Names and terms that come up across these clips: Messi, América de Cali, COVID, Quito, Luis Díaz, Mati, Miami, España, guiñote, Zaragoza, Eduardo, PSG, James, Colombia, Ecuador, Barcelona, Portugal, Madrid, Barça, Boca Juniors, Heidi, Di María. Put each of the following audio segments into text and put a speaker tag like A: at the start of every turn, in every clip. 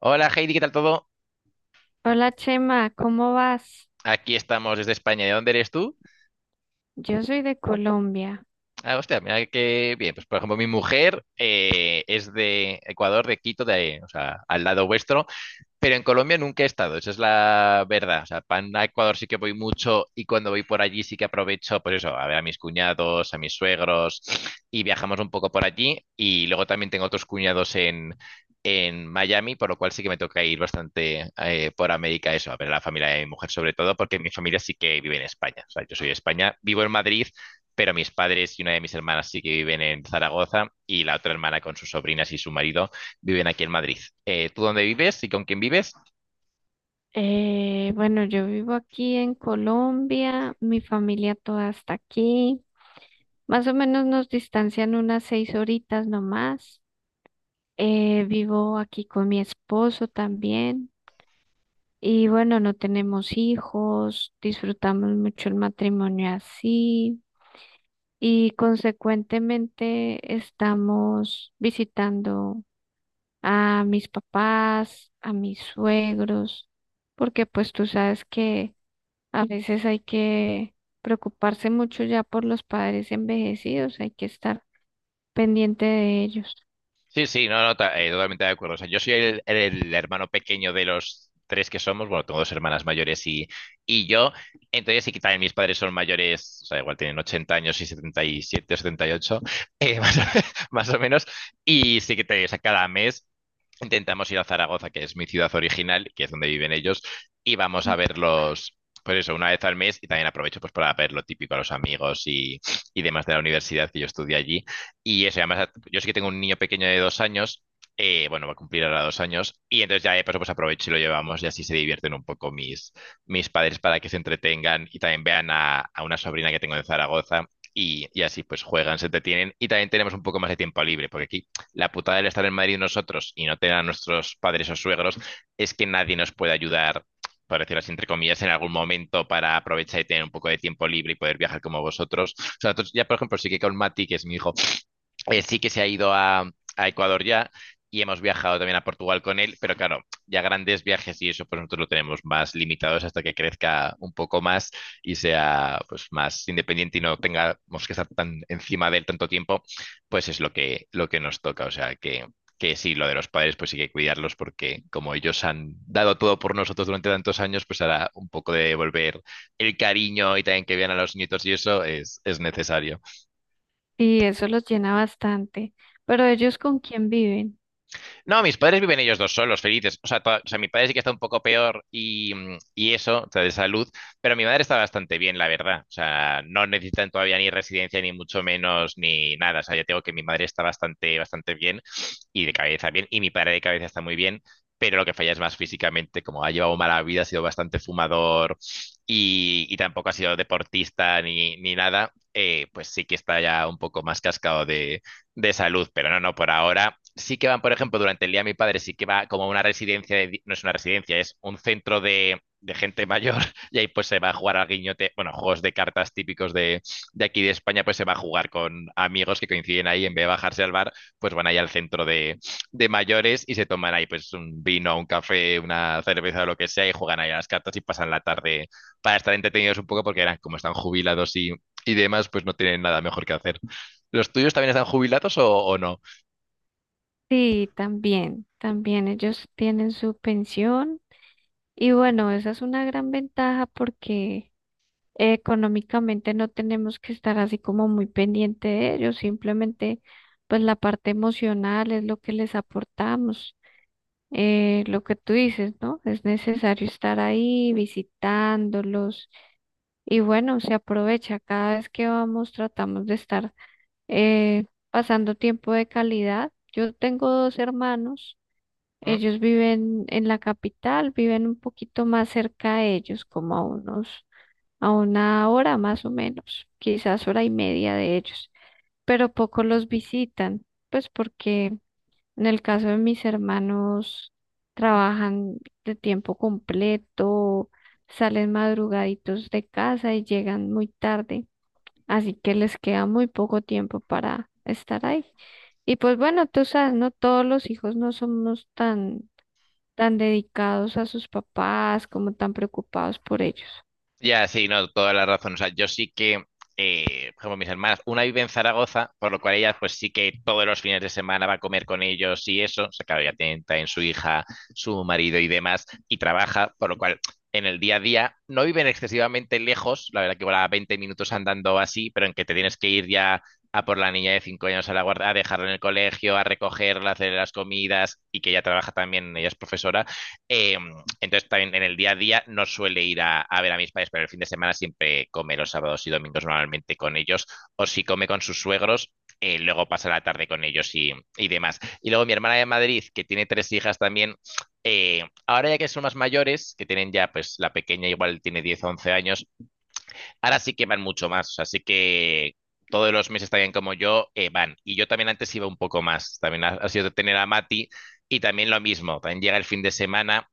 A: Hola Heidi, ¿qué tal todo?
B: Hola Chema, ¿cómo vas?
A: Aquí estamos desde España. ¿De dónde eres tú?
B: Yo soy de Colombia.
A: Ah, hostia, mira que bien. Pues por ejemplo, mi mujer es de Ecuador, de Quito, de, o sea, al lado vuestro. Pero en Colombia nunca he estado, esa es la verdad. O sea, para Ecuador sí que voy mucho y cuando voy por allí sí que aprovecho, pues eso, a ver a mis cuñados, a mis suegros y viajamos un poco por allí. Y luego también tengo otros cuñados en Miami, por lo cual sí que me toca ir bastante por América, eso, a ver a la familia de mi mujer sobre todo, porque mi familia sí que vive en España. O sea, yo soy de España, vivo en Madrid, pero mis padres y una de mis hermanas sí que viven en Zaragoza y la otra hermana con sus sobrinas y su marido viven aquí en Madrid. ¿Tú dónde vives y con quién vives?
B: Bueno, yo vivo aquí en Colombia, mi familia toda está aquí. Más o menos nos distancian unas 6 horitas nomás. Vivo aquí con mi esposo también. Y bueno, no tenemos hijos, disfrutamos mucho el matrimonio así. Y consecuentemente estamos visitando a mis papás, a mis suegros, porque pues tú sabes que a veces hay que preocuparse mucho ya por los padres envejecidos, hay que estar pendiente de ellos.
A: Sí, sí, no, no, totalmente de acuerdo. O sea, yo soy el hermano pequeño de los tres que somos. Bueno, tengo dos hermanas mayores y yo. Entonces, sí que también mis padres son mayores, o sea, igual tienen 80 años y 77 o 78, más, o, más o menos. Y sí que te, o sea, cada mes intentamos ir a Zaragoza, que es mi ciudad original, que es donde viven ellos, y vamos a verlos, pues eso, una vez al mes, y también aprovecho pues para ver lo típico a los amigos y demás de la universidad que yo estudié allí. Y eso, y además, yo sí que tengo un niño pequeño de 2 años, bueno, va a cumplir ahora 2 años, y entonces ya de paso pues aprovecho y lo llevamos y así se divierten un poco mis padres para que se entretengan y también vean a una sobrina que tengo de Zaragoza, y así pues juegan, se entretienen y también tenemos un poco más de tiempo libre, porque aquí la putada del estar en Madrid nosotros y no tener a nuestros padres o suegros es que nadie nos puede ayudar, por decirlo así, entre comillas, en algún momento para aprovechar y tener un poco de tiempo libre y poder viajar como vosotros. O sea, nosotros ya, por ejemplo, sí que con Mati, que es mi hijo, sí que se ha ido a Ecuador ya y hemos viajado también a Portugal con él, pero claro, ya grandes viajes y eso pues nosotros lo tenemos más limitados hasta que crezca un poco más y sea pues más independiente y no tengamos que estar tan encima de él tanto tiempo, pues es lo que nos toca, o sea que sí, lo de los padres pues sí que cuidarlos porque como ellos han dado todo por nosotros durante tantos años, pues ahora un poco de devolver el cariño y también que vean a los nietos y eso es necesario.
B: Y eso los llena bastante. Pero ¿ellos con quién viven?
A: No, mis padres viven ellos dos solos, felices. O sea, mi padre sí que está un poco peor y eso, o sea, de salud, pero mi madre está bastante bien, la verdad. O sea, no necesitan todavía ni residencia, ni mucho menos, ni nada. O sea, ya tengo que mi madre está bastante, bastante bien y de cabeza bien, y mi padre de cabeza está muy bien. Pero lo que falla es más físicamente, como ha llevado mala vida, ha sido bastante fumador y tampoco ha sido deportista ni nada, pues sí que está ya un poco más cascado de salud, pero no, no, por ahora sí que van, por ejemplo, durante el día mi padre sí que va como a una residencia, no es una residencia, es un centro de gente mayor y ahí pues se va a jugar al guiñote, bueno, juegos de cartas típicos de aquí de España, pues se va a jugar con amigos que coinciden ahí, en vez de bajarse al bar, pues van ahí al centro de mayores y se toman ahí pues un vino, un café, una cerveza o lo que sea y juegan ahí a las cartas y pasan la tarde para estar entretenidos un poco porque eran como están jubilados y demás, pues no tienen nada mejor que hacer. ¿Los tuyos también están jubilados o no?
B: Sí, también ellos tienen su pensión. Y bueno, esa es una gran ventaja porque económicamente no tenemos que estar así como muy pendiente de ellos, simplemente pues la parte emocional es lo que les aportamos, lo que tú dices, ¿no? Es necesario estar ahí visitándolos y bueno, se aprovecha, cada vez que vamos tratamos de estar pasando tiempo de calidad. Yo tengo dos hermanos.
A: ¿Mm?
B: Ellos viven en la capital, viven un poquito más cerca de ellos, como a unos, a una hora más o menos, quizás hora y media de ellos, pero poco los visitan, pues porque en el caso de mis hermanos trabajan de tiempo completo, salen madrugaditos de casa y llegan muy tarde, así que les queda muy poco tiempo para estar ahí. Y pues bueno, tú sabes, no todos los hijos no somos tan dedicados a sus papás, como tan preocupados por ellos.
A: Ya, sí, no, toda la razón. O sea, yo sí que, eh, por ejemplo, mis hermanas, una vive en Zaragoza, por lo cual ellas, pues sí que todos los fines de semana va a comer con ellos y eso. O sea, claro, ya tienen también su hija, su marido y demás, y trabaja, por lo cual en el día a día no viven excesivamente lejos, la verdad que igual a 20 minutos andando así, pero en que te tienes que ir ya a por la niña de 5 años a la guarda, a dejarla en el colegio, a recogerla, a hacer las comidas y que ella trabaja también, ella es profesora, eh, entonces también en el día a día no suele ir ver a mis padres, pero el fin de semana siempre come los sábados y domingos normalmente con ellos, o si come con sus suegros, luego pasa la tarde con ellos y demás. Y luego mi hermana de Madrid, que tiene tres hijas también, ahora ya que son más mayores, que tienen ya, pues la pequeña igual tiene 10 o 11 años, ahora sí que van mucho más, así que todos los meses también como yo van. Y yo también antes iba un poco más, también ha sido tener a Mati. Y también lo mismo, también llega el fin de semana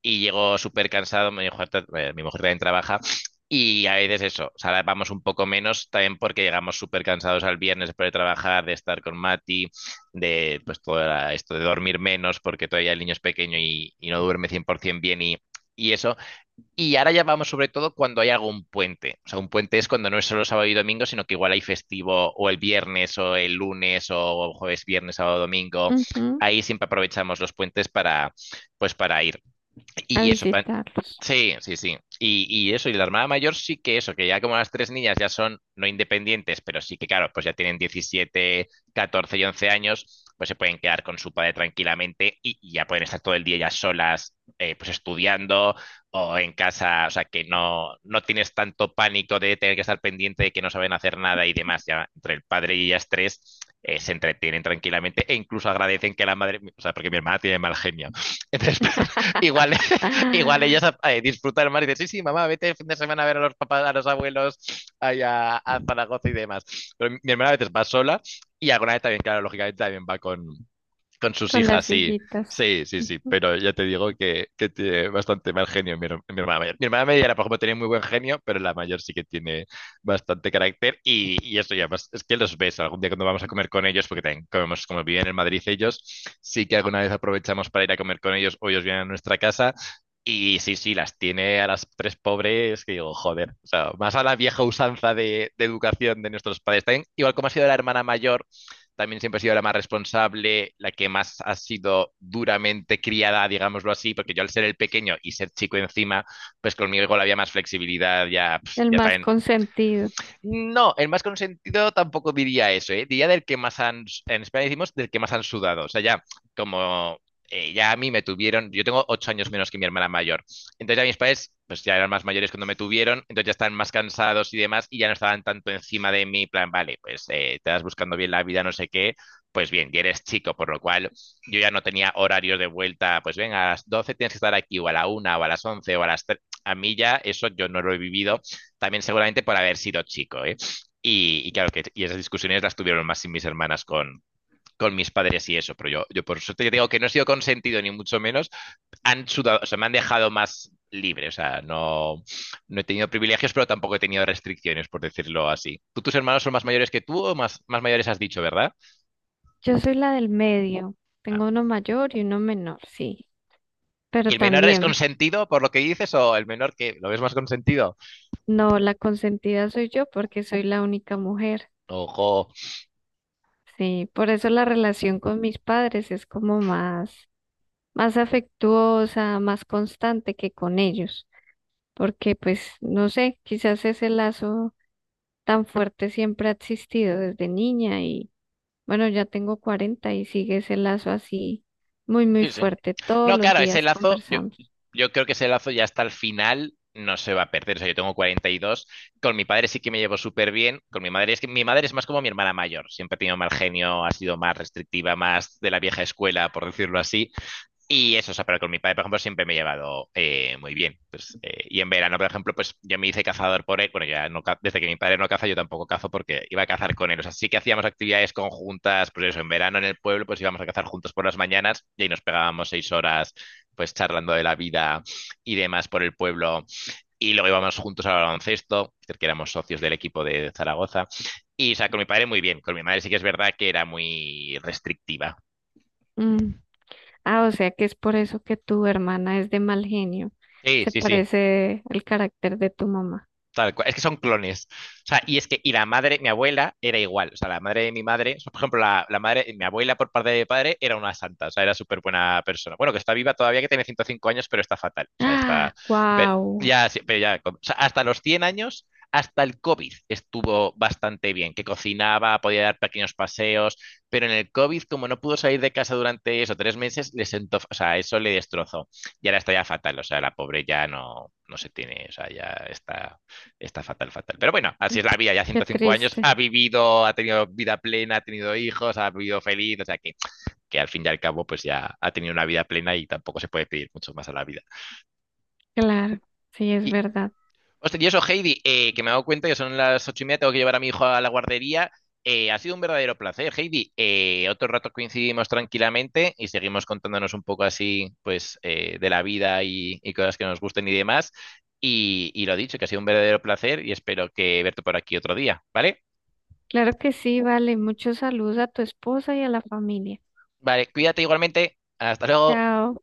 A: y llego súper cansado, mi mujer, mi mujer también trabaja y a veces eso, o sea, ahora vamos un poco menos también porque llegamos súper cansados al viernes después de trabajar, de estar con Mati, de pues todo era esto de dormir menos porque todavía el niño es pequeño y no duerme 100% bien y eso. Y ahora ya vamos sobre todo cuando hay algún puente, o sea, un puente es cuando no es solo sábado y domingo, sino que igual hay festivo o el viernes o el lunes o jueves, viernes, sábado, domingo.
B: Ujú,
A: Ahí siempre aprovechamos los puentes para, pues para ir.
B: a
A: Y eso,
B: visitarlos.
A: sí, sí, sí. Y eso, y la hermana mayor sí que eso, que ya como las tres niñas ya son no independientes, pero sí que, claro, pues ya tienen 17 14 y 11 años, pues se pueden quedar con su padre tranquilamente y ya pueden estar todo el día ya solas, pues estudiando o en casa, o sea, que no, no tienes tanto pánico de tener que estar pendiente de que no saben hacer nada y demás, ya entre el padre y ellas tres. Se entretienen tranquilamente e incluso agradecen que la madre, o sea, porque mi hermana tiene mal genio. Entonces, igual igual ellas
B: Ah,
A: disfrutan disfrutar más y dicen, sí, sí, mamá, vete el fin de semana a ver a los papás, a los abuelos, allá a Zaragoza y demás. Pero mi hermana a veces va sola y alguna vez también, claro, lógicamente también va con sus
B: con
A: hijas,
B: las
A: sí.
B: hijitas,
A: Sí, sí, sí.
B: ujú.
A: Pero ya te digo que tiene bastante mal genio mi hermana mayor. Mi hermana mayor, por ejemplo, tenía muy buen genio, pero la mayor sí que tiene bastante carácter. Y eso ya, pues, es que los ves algún día cuando vamos a comer con ellos, porque también comemos, como viven en Madrid ellos, sí que alguna vez aprovechamos para ir a comer con ellos o ellos vienen a nuestra casa. Y sí, sí, las tiene a las tres pobres que digo, joder, o sea, más a la vieja usanza de educación de nuestros padres. También, igual como ha sido la hermana mayor también siempre ha sido la más responsable, la que más ha sido duramente criada, digámoslo así, porque yo al ser el pequeño y ser chico encima, pues conmigo igual había más flexibilidad, ya,
B: El
A: ya
B: más
A: también
B: consentido.
A: no, el más consentido tampoco diría eso, ¿eh? Diría del que más han, en España decimos del que más han sudado. O sea, ya como ya a mí me tuvieron, yo tengo 8 años menos que mi hermana mayor. Entonces ya mis padres, pues ya eran más mayores cuando me tuvieron, entonces ya estaban más cansados y demás y ya no estaban tanto encima de mí, plan, vale, pues te estás buscando bien la vida, no sé qué. Pues bien, y eres chico, por lo cual yo ya no tenía horarios de vuelta, pues ven a las 12 tienes que estar aquí, o a la una o a las 11 o a las 3. A mí ya eso yo no lo he vivido también seguramente por haber sido chico, ¿eh? Y claro, que, y esas discusiones las tuvieron más sin mis hermanas con mis padres y eso, pero yo por suerte digo que no he sido consentido ni mucho menos, han sudado, o sea, me han dejado más libre, o sea, no, no he tenido privilegios, pero tampoco he tenido restricciones, por decirlo así. ¿Tú tus hermanos son más mayores que tú o más, más mayores has dicho, verdad?
B: Yo soy la del medio,
A: Ah.
B: tengo uno mayor y uno menor, sí,
A: ¿Y
B: pero
A: el menor es
B: también,
A: consentido por lo que dices o el menor que lo ves más consentido?
B: no, la consentida soy yo porque soy la única mujer.
A: Ojo.
B: Sí, por eso la relación con mis padres es como más, más afectuosa, más constante que con ellos, porque pues no sé, quizás ese lazo tan fuerte siempre ha existido desde niña y bueno, ya tengo 40 y sigue ese lazo así muy, muy
A: Sí, sí.
B: fuerte. Todos
A: No,
B: los
A: claro, ese
B: días
A: lazo, yo,
B: conversamos.
A: yo creo que ese lazo ya hasta el final no se va a perder. O sea, yo tengo 42. Con mi padre sí que me llevo súper bien. Con mi madre es que mi madre es más como mi hermana mayor. Siempre ha tenido mal genio, ha sido más restrictiva, más de la vieja escuela, por decirlo así. Y eso, o sea, pero con mi padre, por ejemplo, siempre me he llevado muy bien. Pues, y en verano, por ejemplo, pues yo me hice cazador por él. Bueno, ya no, desde que mi padre no caza, yo tampoco cazo porque iba a cazar con él. O sea, sí que hacíamos actividades conjuntas, pues eso, en verano en el pueblo, pues íbamos a cazar juntos por las mañanas y ahí nos pegábamos 6 horas, pues charlando de la vida y demás por el pueblo. Y luego íbamos juntos al baloncesto, porque éramos socios del equipo de Zaragoza. Y, o sea, con mi padre muy bien. Con mi madre sí que es verdad que era muy restrictiva.
B: Mm. Ah, o sea que es por eso que tu hermana es de mal genio.
A: Sí,
B: Se
A: sí, sí.
B: parece el carácter de tu mamá.
A: Tal cual. Es que son clones. O sea, y es que, y la madre, mi abuela era igual. O sea, la madre de mi madre, o sea, por ejemplo, la madre, mi abuela por parte de mi padre era una santa. O sea, era súper buena persona. Bueno, que está viva todavía, que tiene 105 años, pero está fatal. O sea,
B: Ah,
A: está. Pero
B: wow,
A: ya, sí, pero ya. O sea, hasta los 100 años. Hasta el COVID estuvo bastante bien, que cocinaba, podía dar pequeños paseos, pero en el COVID, como no pudo salir de casa durante eso, 3 meses, le sentó, o sea, eso le destrozó. Y ahora está ya fatal, o sea, la pobre ya no, no se tiene, o sea, ya está. Está fatal, fatal. Pero bueno, así es la vida, ya
B: qué
A: 105 años,
B: triste.
A: ha vivido, ha tenido vida plena, ha tenido hijos, ha vivido feliz, o sea que al fin y al cabo pues ya ha tenido una vida plena y tampoco se puede pedir mucho más a la vida.
B: Claro, sí, es
A: Y,
B: verdad.
A: hostia, y eso, Heidi, que me he dado cuenta que son las 8:30, tengo que llevar a mi hijo a la guardería. Ha sido un verdadero placer, Heidi. Otro rato coincidimos tranquilamente y seguimos contándonos un poco así, pues, de la vida y, cosas que nos gusten y demás. Y lo dicho, que ha sido un verdadero placer y espero que verte por aquí otro día, ¿vale?
B: Claro que sí, vale. Muchos saludos a tu esposa y a la familia.
A: Vale, cuídate igualmente. Hasta luego.
B: Chao.